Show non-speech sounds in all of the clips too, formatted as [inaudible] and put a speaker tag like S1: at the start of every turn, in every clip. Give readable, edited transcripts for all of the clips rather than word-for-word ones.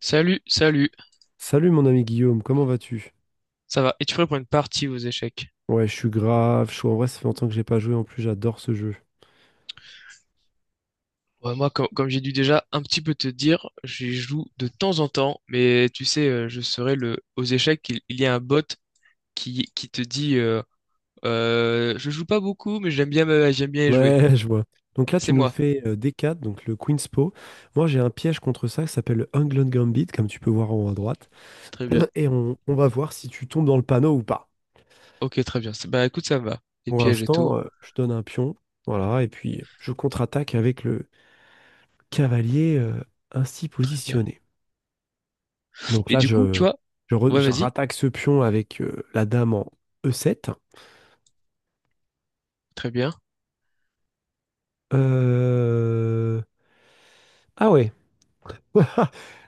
S1: Salut, salut.
S2: Salut mon ami Guillaume, comment vas-tu?
S1: Ça va? Es-tu prêt pour une partie aux échecs?
S2: Ouais, je suis grave chaud. En vrai, ça fait longtemps que j'ai pas joué. En plus, j'adore ce jeu.
S1: Ouais, moi, comme, j'ai dû déjà un petit peu te dire, j'y joue de temps en temps, mais tu sais, je serai le aux échecs, il y a un bot qui te dit je joue pas beaucoup, mais j'aime bien j'aime bien y jouer.
S2: Ouais, [laughs] je vois. Donc là, tu
S1: C'est
S2: nous
S1: moi.
S2: fais D4, donc le Queen's Po. Moi, j'ai un piège contre ça qui s'appelle le England Gambit, comme tu peux voir en haut à droite.
S1: Très bien.
S2: Et on va voir si tu tombes dans le panneau ou pas.
S1: Ok, très bien. Bah écoute, ça me va. Les
S2: Pour
S1: pièges et tout.
S2: l'instant, je donne un pion. Voilà, et puis je contre-attaque avec le cavalier ainsi
S1: Très bien.
S2: positionné. Donc
S1: Et
S2: là,
S1: du coup, tu
S2: je,
S1: vois,
S2: je, re-
S1: ouais,
S2: je
S1: vas-y.
S2: rattaque ce pion avec la dame en E7.
S1: Très bien.
S2: Euh, Ah ouais. [laughs]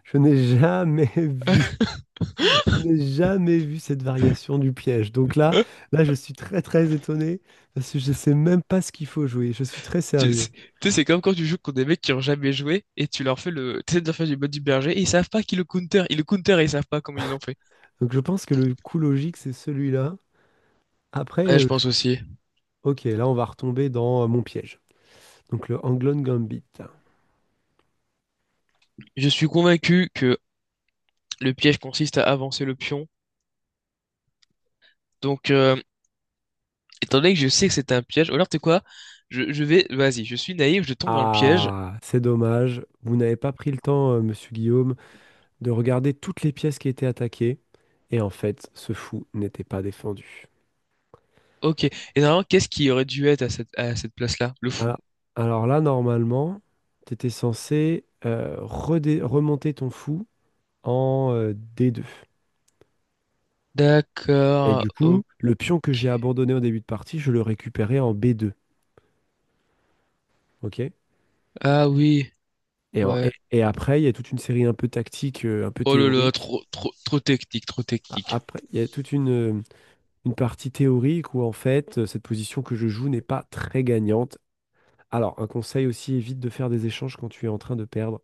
S2: Je n'ai jamais [laughs] vu, je n'ai jamais vu cette variation du piège. Donc là, là, je suis très très étonné parce que je ne sais même pas ce qu'il faut jouer. Je suis très sérieux.
S1: Tu sais, c'est comme quand tu joues contre des mecs qui ont jamais joué et tu leur fais le. Tu essaies de leur faire du mode du berger et ils savent pas qui le counter. Ils le counter et ils savent pas comment ils ont fait.
S2: Donc je pense que le coup logique, c'est celui-là. Après,
S1: Ouais, je pense aussi.
S2: ok, là, on va retomber dans mon piège. Donc le Anglon Gambit.
S1: Je suis convaincu que le piège consiste à avancer le pion. Donc,
S2: Parce
S1: étant
S2: que-
S1: donné que je sais que c'est un piège, ou alors tu sais quoi? Je vais. Vas-y, je suis naïf, je tombe dans le piège.
S2: Ah, c'est dommage. Vous n'avez pas pris le temps, monsieur Guillaume, de regarder toutes les pièces qui étaient attaquées. Et en fait, ce fou n'était pas défendu.
S1: Ok. Et normalement, qu'est-ce qui aurait dû être à à cette place-là? Le fou.
S2: Alors, alors là, normalement, tu étais censé remonter ton fou en D2. Et
S1: D'accord.
S2: du coup,
S1: Ok.
S2: le pion que j'ai abandonné au début de partie, je le récupérais en B2. OK?
S1: Ah oui.
S2: Et, en-
S1: Ouais.
S2: et, et après, il y a toute une série un peu tactique, un peu
S1: Oh là là,
S2: théorique.
S1: trop, trop, trop technique, trop
S2: A-
S1: technique.
S2: Après, il y a toute une partie théorique où, en fait, cette position que je joue n'est pas très gagnante. Alors, un conseil aussi, évite de faire des échanges quand tu es en train de perdre.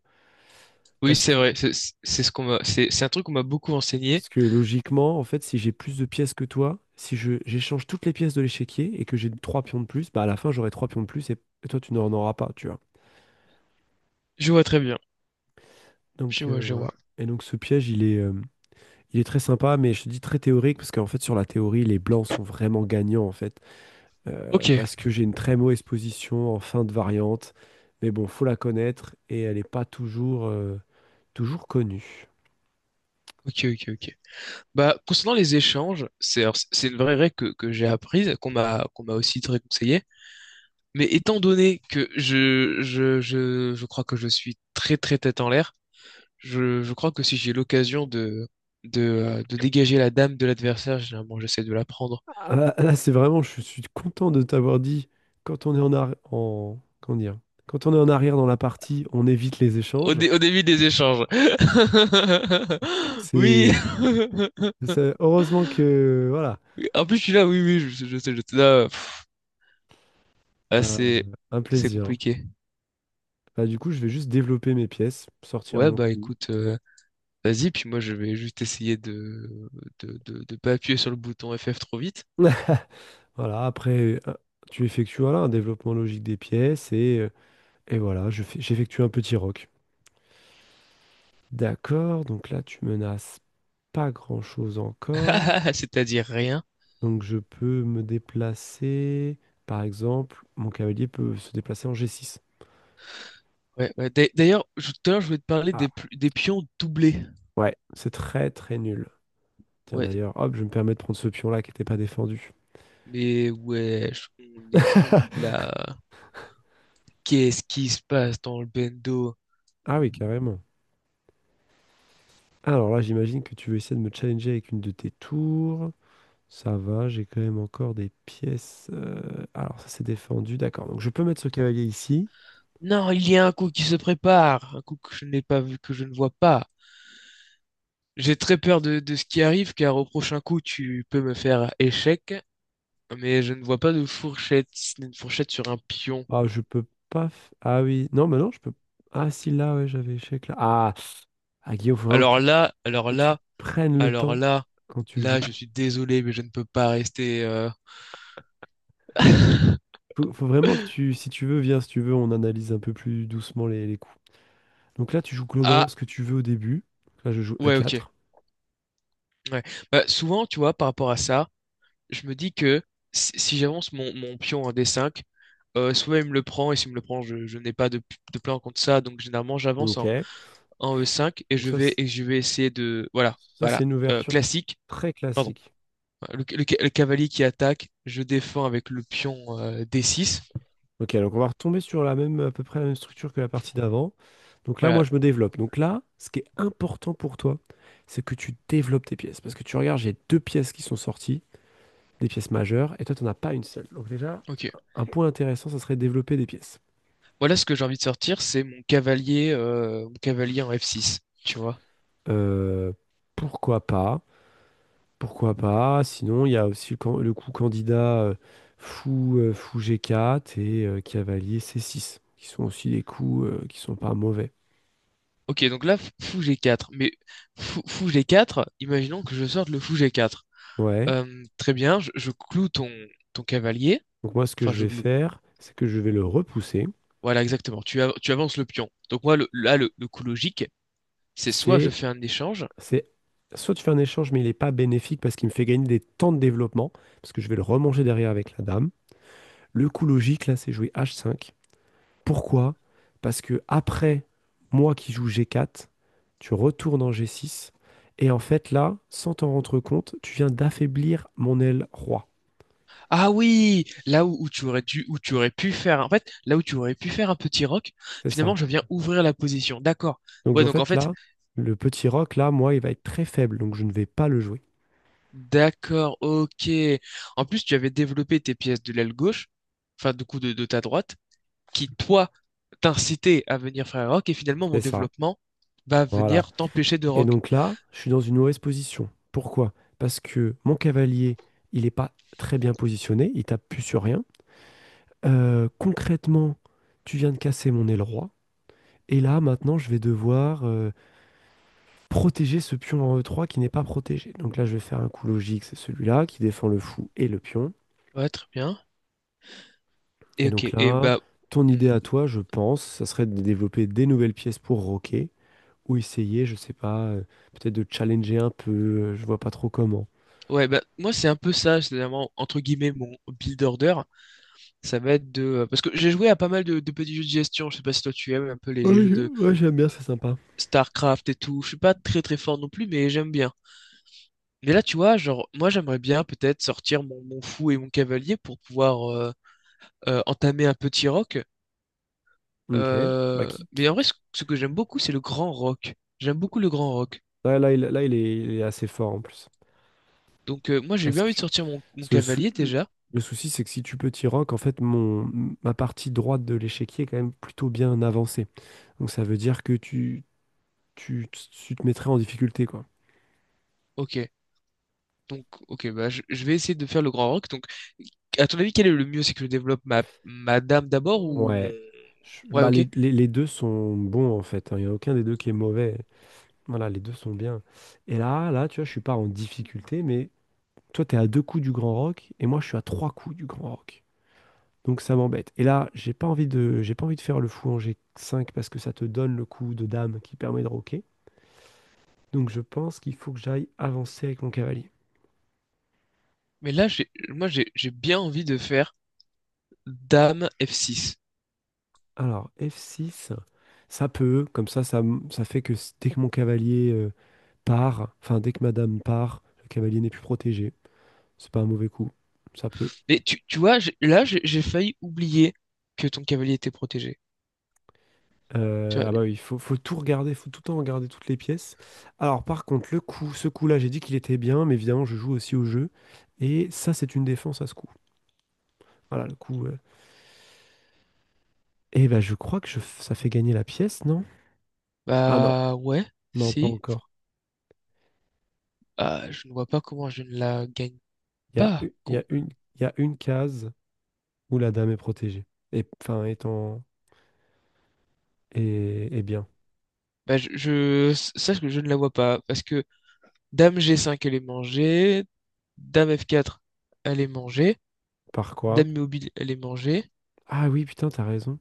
S1: Oui,
S2: parce
S1: c'est
S2: que
S1: vrai. Ce qu'on m'a, c'est un truc qu'on m'a beaucoup enseigné.
S2: Parce que logiquement, en fait, si j'ai plus de pièces que toi, si je j'échange toutes les pièces de l'échiquier et que j'ai trois pions de plus, bah à la fin j'aurai trois pions de plus et toi tu n'en auras pas, tu vois.
S1: Je vois très bien. Je
S2: Donc
S1: vois, je
S2: voilà.
S1: vois.
S2: Et donc ce piège, il est très sympa, mais je te dis très théorique parce qu'en fait sur la théorie, les blancs sont vraiment gagnants en fait.
S1: Ok,
S2: Parce que j'ai une très mauvaise position en fin de variante, mais bon, faut la connaître et elle n'est pas toujours connue.
S1: ok, ok, ok. Bah, concernant les échanges, c'est une vraie règle que j'ai apprise, qu'on m'a aussi très conseillé. Mais étant donné que je crois que je suis très très tête en l'air, je crois que si j'ai l'occasion de de dégager la dame de l'adversaire, généralement j'essaie de la prendre
S2: Ah, là, là, c'est vraiment, je suis content de t'avoir dit, quand on est en arrière, en, comment dire, quand on est en arrière dans la partie, on évite les échanges.
S1: au début des échanges. [laughs] Oui.
S2: C'est,
S1: [laughs]
S2: heureusement que, voilà,
S1: En plus, je suis là, oui, oui, sais, je sais, je sais, là, pff, ah,
S2: bah,
S1: c'est,
S2: un
S1: c'est
S2: plaisir.
S1: compliqué.
S2: Bah, du coup, je vais juste développer mes pièces, sortir
S1: Ouais,
S2: mon
S1: bah
S2: coup.
S1: écoute, vas-y, puis moi je vais juste essayer de, de pas appuyer sur le bouton FF trop vite,
S2: [laughs] Voilà, après, tu effectues voilà, un développement logique des pièces et voilà, j'effectue un petit rock. D'accord, donc là, tu menaces pas grand-chose encore.
S1: [laughs] c'est-à-dire rien.
S2: Donc je peux me déplacer, par exemple, mon cavalier peut se déplacer en G6.
S1: Ouais, ouais. D'ailleurs, tout à l'heure, je voulais te parler
S2: Ah,
S1: des, des pions doublés.
S2: ouais, c'est très très nul. Tiens
S1: Ouais,
S2: d'ailleurs, hop, je me permets de prendre ce pion-là qui n'était pas défendu.
S1: mais ouais, on est où
S2: [laughs]
S1: là? Qu'est-ce qui se passe dans le bendo?
S2: Ah oui, carrément. Alors là, j'imagine que tu veux essayer de me challenger avec une de tes tours. Ça va, j'ai quand même encore des pièces. Alors ça c'est défendu, d'accord. Donc je peux mettre ce cavalier ici.
S1: Non, il y a un coup qui se prépare, un coup que je n'ai pas vu, que je ne vois pas. J'ai très peur de ce qui arrive, car au prochain coup, tu peux me faire échec, mais je ne vois pas de fourchette, si ce n'est une fourchette sur un pion.
S2: Ah, je peux pas... Ah oui, non, mais non, je peux... Ah si, là, ouais, j'avais échec là. Ah, ah Guillaume, faut vraiment que
S1: Alors
S2: tu
S1: là, alors
S2: que tu
S1: là,
S2: prennes le
S1: alors
S2: temps
S1: là,
S2: quand tu
S1: là,
S2: joues.
S1: je suis désolé, mais je ne peux pas rester. [laughs]
S2: Faut vraiment que tu, si tu veux, viens, si tu veux, on analyse un peu plus doucement les coups. Donc là, tu joues
S1: Ah,
S2: globalement ce que tu veux au début. Là, je joue
S1: ouais, ok.
S2: E4.
S1: Ouais. Bah, souvent, tu vois, par rapport à ça, je me dis que si j'avance mon, mon pion en d5, soit il me le prend, et s'il me le prend, je n'ai pas de, de plan contre ça, donc généralement, j'avance
S2: Ok.
S1: en E5
S2: Donc ça, c'est-
S1: et je vais essayer de. Voilà,
S2: ça c'est
S1: voilà.
S2: une ouverture
S1: Classique,
S2: très
S1: pardon.
S2: classique.
S1: Voilà, le cavalier qui attaque, je défends avec le pion D6.
S2: Ok, donc on va retomber sur la même, à peu près la même structure que la partie d'avant. Donc là,
S1: Voilà,
S2: moi, je me développe. Donc là, ce qui est important pour toi, c'est que tu développes tes pièces. Parce que tu regardes, j'ai deux pièces qui sont sorties, des pièces majeures, et toi, tu n'en as pas une seule. Donc déjà,
S1: ok.
S2: un point intéressant, ça serait développer des pièces.
S1: Voilà ce que j'ai envie de sortir, c'est mon cavalier en F6, tu vois.
S2: Euh, Pourquoi pas? Pourquoi pas? Sinon, il y a aussi le coup candidat fou G4 et cavalier C6, qui sont aussi des coups qui sont pas mauvais.
S1: Ok, donc là, fou G4. Mais fou G4, imaginons que je sorte le fou G4.
S2: Ouais.
S1: Très bien, je cloue ton, ton cavalier.
S2: Donc moi, ce que
S1: Enfin,
S2: je
S1: je
S2: vais
S1: cloue.
S2: faire, c'est que je vais le repousser.
S1: Voilà, exactement. Tu avances le pion. Donc moi, le coup logique, c'est soit je
S2: C'est,
S1: fais un échange,
S2: c'est soit tu fais un échange, mais il n'est pas bénéfique parce qu'il me fait gagner des temps de développement, parce que je vais le remanger derrière avec la dame. Le coup logique, là, c'est jouer H5. Pourquoi? Parce que après, moi qui joue G4, tu retournes en G6 et en fait là, sans t'en rendre compte, tu viens d'affaiblir mon aile roi.
S1: Ah oui, où tu aurais dû, où tu aurais pu faire, en fait, là où tu aurais pu faire un petit rock,
S2: C'est ça.
S1: finalement, je viens ouvrir la position. D'accord.
S2: Donc
S1: Ouais,
S2: en
S1: donc en
S2: fait
S1: fait,
S2: là, le petit roc là, moi, il va être très faible, donc je ne vais pas le jouer.
S1: d'accord, ok. En plus, tu avais développé tes pièces de l'aile gauche, enfin, du coup, de ta droite, qui, toi, t'incitaient à venir faire un rock, et finalement,
S2: C'est
S1: mon
S2: ça.
S1: développement va
S2: Voilà.
S1: venir t'empêcher de
S2: Et
S1: rock.
S2: donc là, je suis dans une mauvaise position. Pourquoi? Parce que mon cavalier, il n'est pas très bien positionné, il tape plus sur rien. Concrètement, tu viens de casser mon aile roi. Et là, maintenant, je vais devoir protéger ce pion en E3 qui n'est pas protégé. Donc là, je vais faire un coup logique, c'est celui-là qui défend le fou et le pion.
S1: Ouais, très bien. Et
S2: Et donc
S1: ok, et
S2: là,
S1: bah,
S2: ton idée
S1: hmm,
S2: à toi, je pense, ça serait de développer des nouvelles pièces pour roquer ou essayer, je sais pas, peut-être de challenger un peu, je vois pas trop comment.
S1: ouais, bah, moi, c'est un peu ça, c'est vraiment, entre guillemets, mon build order. Ça va être de... Parce que j'ai joué à pas mal de petits jeux de gestion. Je sais pas si toi tu aimes un peu les
S2: Ouais,
S1: jeux de
S2: ouais, j'aime bien, c'est sympa.
S1: StarCraft et tout. Je suis pas très très fort non plus, mais j'aime bien. Mais là, tu vois, genre, moi j'aimerais bien peut-être sortir mon, mon fou et mon cavalier pour pouvoir entamer un petit rock.
S2: Ok. Bah, qui, qui-
S1: Mais en vrai,
S2: qui-
S1: ce que j'aime beaucoup, c'est le grand rock. J'aime beaucoup le grand rock.
S2: Ouais, là, il, là, il est assez fort en plus.
S1: Donc moi j'ai
S2: Parce
S1: bien envie de
S2: que,
S1: sortir mon, mon
S2: parce que le, sou-
S1: cavalier
S2: le-
S1: déjà.
S2: le souci, c'est que si tu peux t'y rock, en fait, ma partie droite de l'échiquier est quand même plutôt bien avancée. Donc ça veut dire que tu te mettrais en difficulté, quoi.
S1: Ok. Donc, ok, bah, je vais essayer de faire le grand rock. Donc, à ton avis, quel est le mieux? C'est que je développe ma, ma dame d'abord ou mon...
S2: Ouais. Je-
S1: Ouais,
S2: bah,
S1: ok.
S2: les deux sont bons, en fait. Hein. Il n'y a aucun des deux qui est mauvais. Voilà, les deux sont bien. Et là, là, tu vois, je suis pas en difficulté, mais toi, tu es à deux coups du Grand Rock et moi, je suis à trois coups du Grand Rock. Donc ça m'embête. Et là, j'ai pas envie de faire le fou en G5 parce que ça te donne le coup de dame qui permet de roquer. Donc je pense qu'il faut que j'aille avancer avec mon cavalier.
S1: Mais là, j'ai bien envie de faire Dame F6.
S2: Alors, F6, ça peut, comme ça, ça fait que dès que mon cavalier part, enfin, dès que madame part, le cavalier n'est plus protégé. C'est pas un mauvais coup, ça peut.
S1: Mais tu vois, j'ai- là, j'ai failli oublier que ton cavalier était protégé. Tu vois,
S2: Ah bah oui, il faut tout regarder, faut tout le temps regarder toutes les pièces. Alors, par contre, ce coup-là, j'ai dit qu'il était bien, mais évidemment, je joue aussi au jeu. Et ça, c'est une défense à ce coup. Voilà, le coup. Euh. Eh ben, je crois que ça fait gagner la pièce, non? Ah non,
S1: bah ouais,
S2: non, pas
S1: si.
S2: encore.
S1: Ah, je ne vois pas comment je ne la gagne
S2: Il y a,
S1: pas.
S2: u- il y a une, il y a une case où la dame est protégée. Et, enfin, étant. Et bien,
S1: Bah, sache que je ne la vois pas. Parce que Dame G5, elle est mangée. Dame F4, elle est mangée.
S2: par quoi?
S1: Dame mobile, elle est mangée.
S2: Ah oui, putain, t'as raison.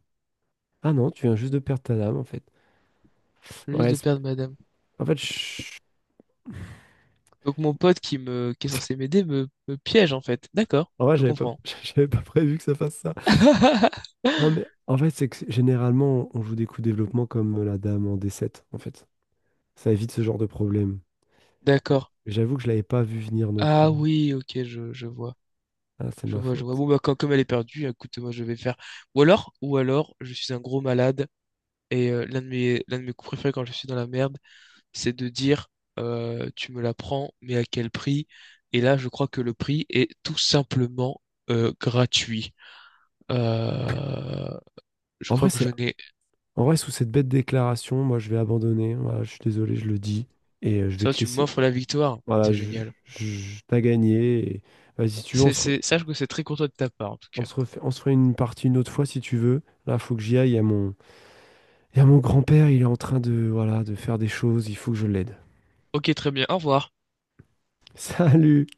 S2: Ah non, tu viens juste de perdre ta dame, en fait.
S1: Je viens juste
S2: Ouais,
S1: de perdre ma dame.
S2: en fait,
S1: Donc mon pote qui me, qui est censé m'aider me piège en fait. D'accord,
S2: en vrai,
S1: je
S2: j'avais pas...
S1: comprends.
S2: [laughs] j'avais pas prévu que ça fasse ça. Non, mais
S1: [laughs]
S2: en fait, c'est que généralement, on joue des coups de développement comme la dame en D7 en fait. Ça évite ce genre de problème.
S1: D'accord.
S2: J'avoue que je l'avais pas vu venir non plus.
S1: Ah oui, ok, je vois.
S2: Ah, c'est
S1: Je
S2: ma
S1: vois, je vois.
S2: faute.
S1: Bon, bah, comme elle est perdue, écoute, moi, je vais faire. Ou alors, je suis un gros malade et l'un de mes coups préférés quand je suis dans la merde, c'est de dire tu me la prends, mais à quel prix? Et là, je crois que le prix est tout simplement gratuit. Euh, je
S2: En vrai,
S1: crois que
S2: c'est...
S1: je n'ai.
S2: En vrai, sous cette bête déclaration, moi, je vais abandonner. Voilà, je suis désolé, je le dis. Et je vais
S1: Ça,
S2: te
S1: tu
S2: laisser...
S1: m'offres la victoire.
S2: Voilà,
S1: C'est génial.
S2: t'as gagné. Vas-y, si tu veux, on se...
S1: C'est... Sache que c'est très content de ta part, en tout
S2: On
S1: cas.
S2: se refait, on se fait une partie une autre fois si tu veux. Là, faut que j'y aille. Il y a mon grand-père, il est en train de, voilà, de faire des choses. Il faut que je l'aide.
S1: Ok, très bien, au revoir.
S2: [laughs] Salut!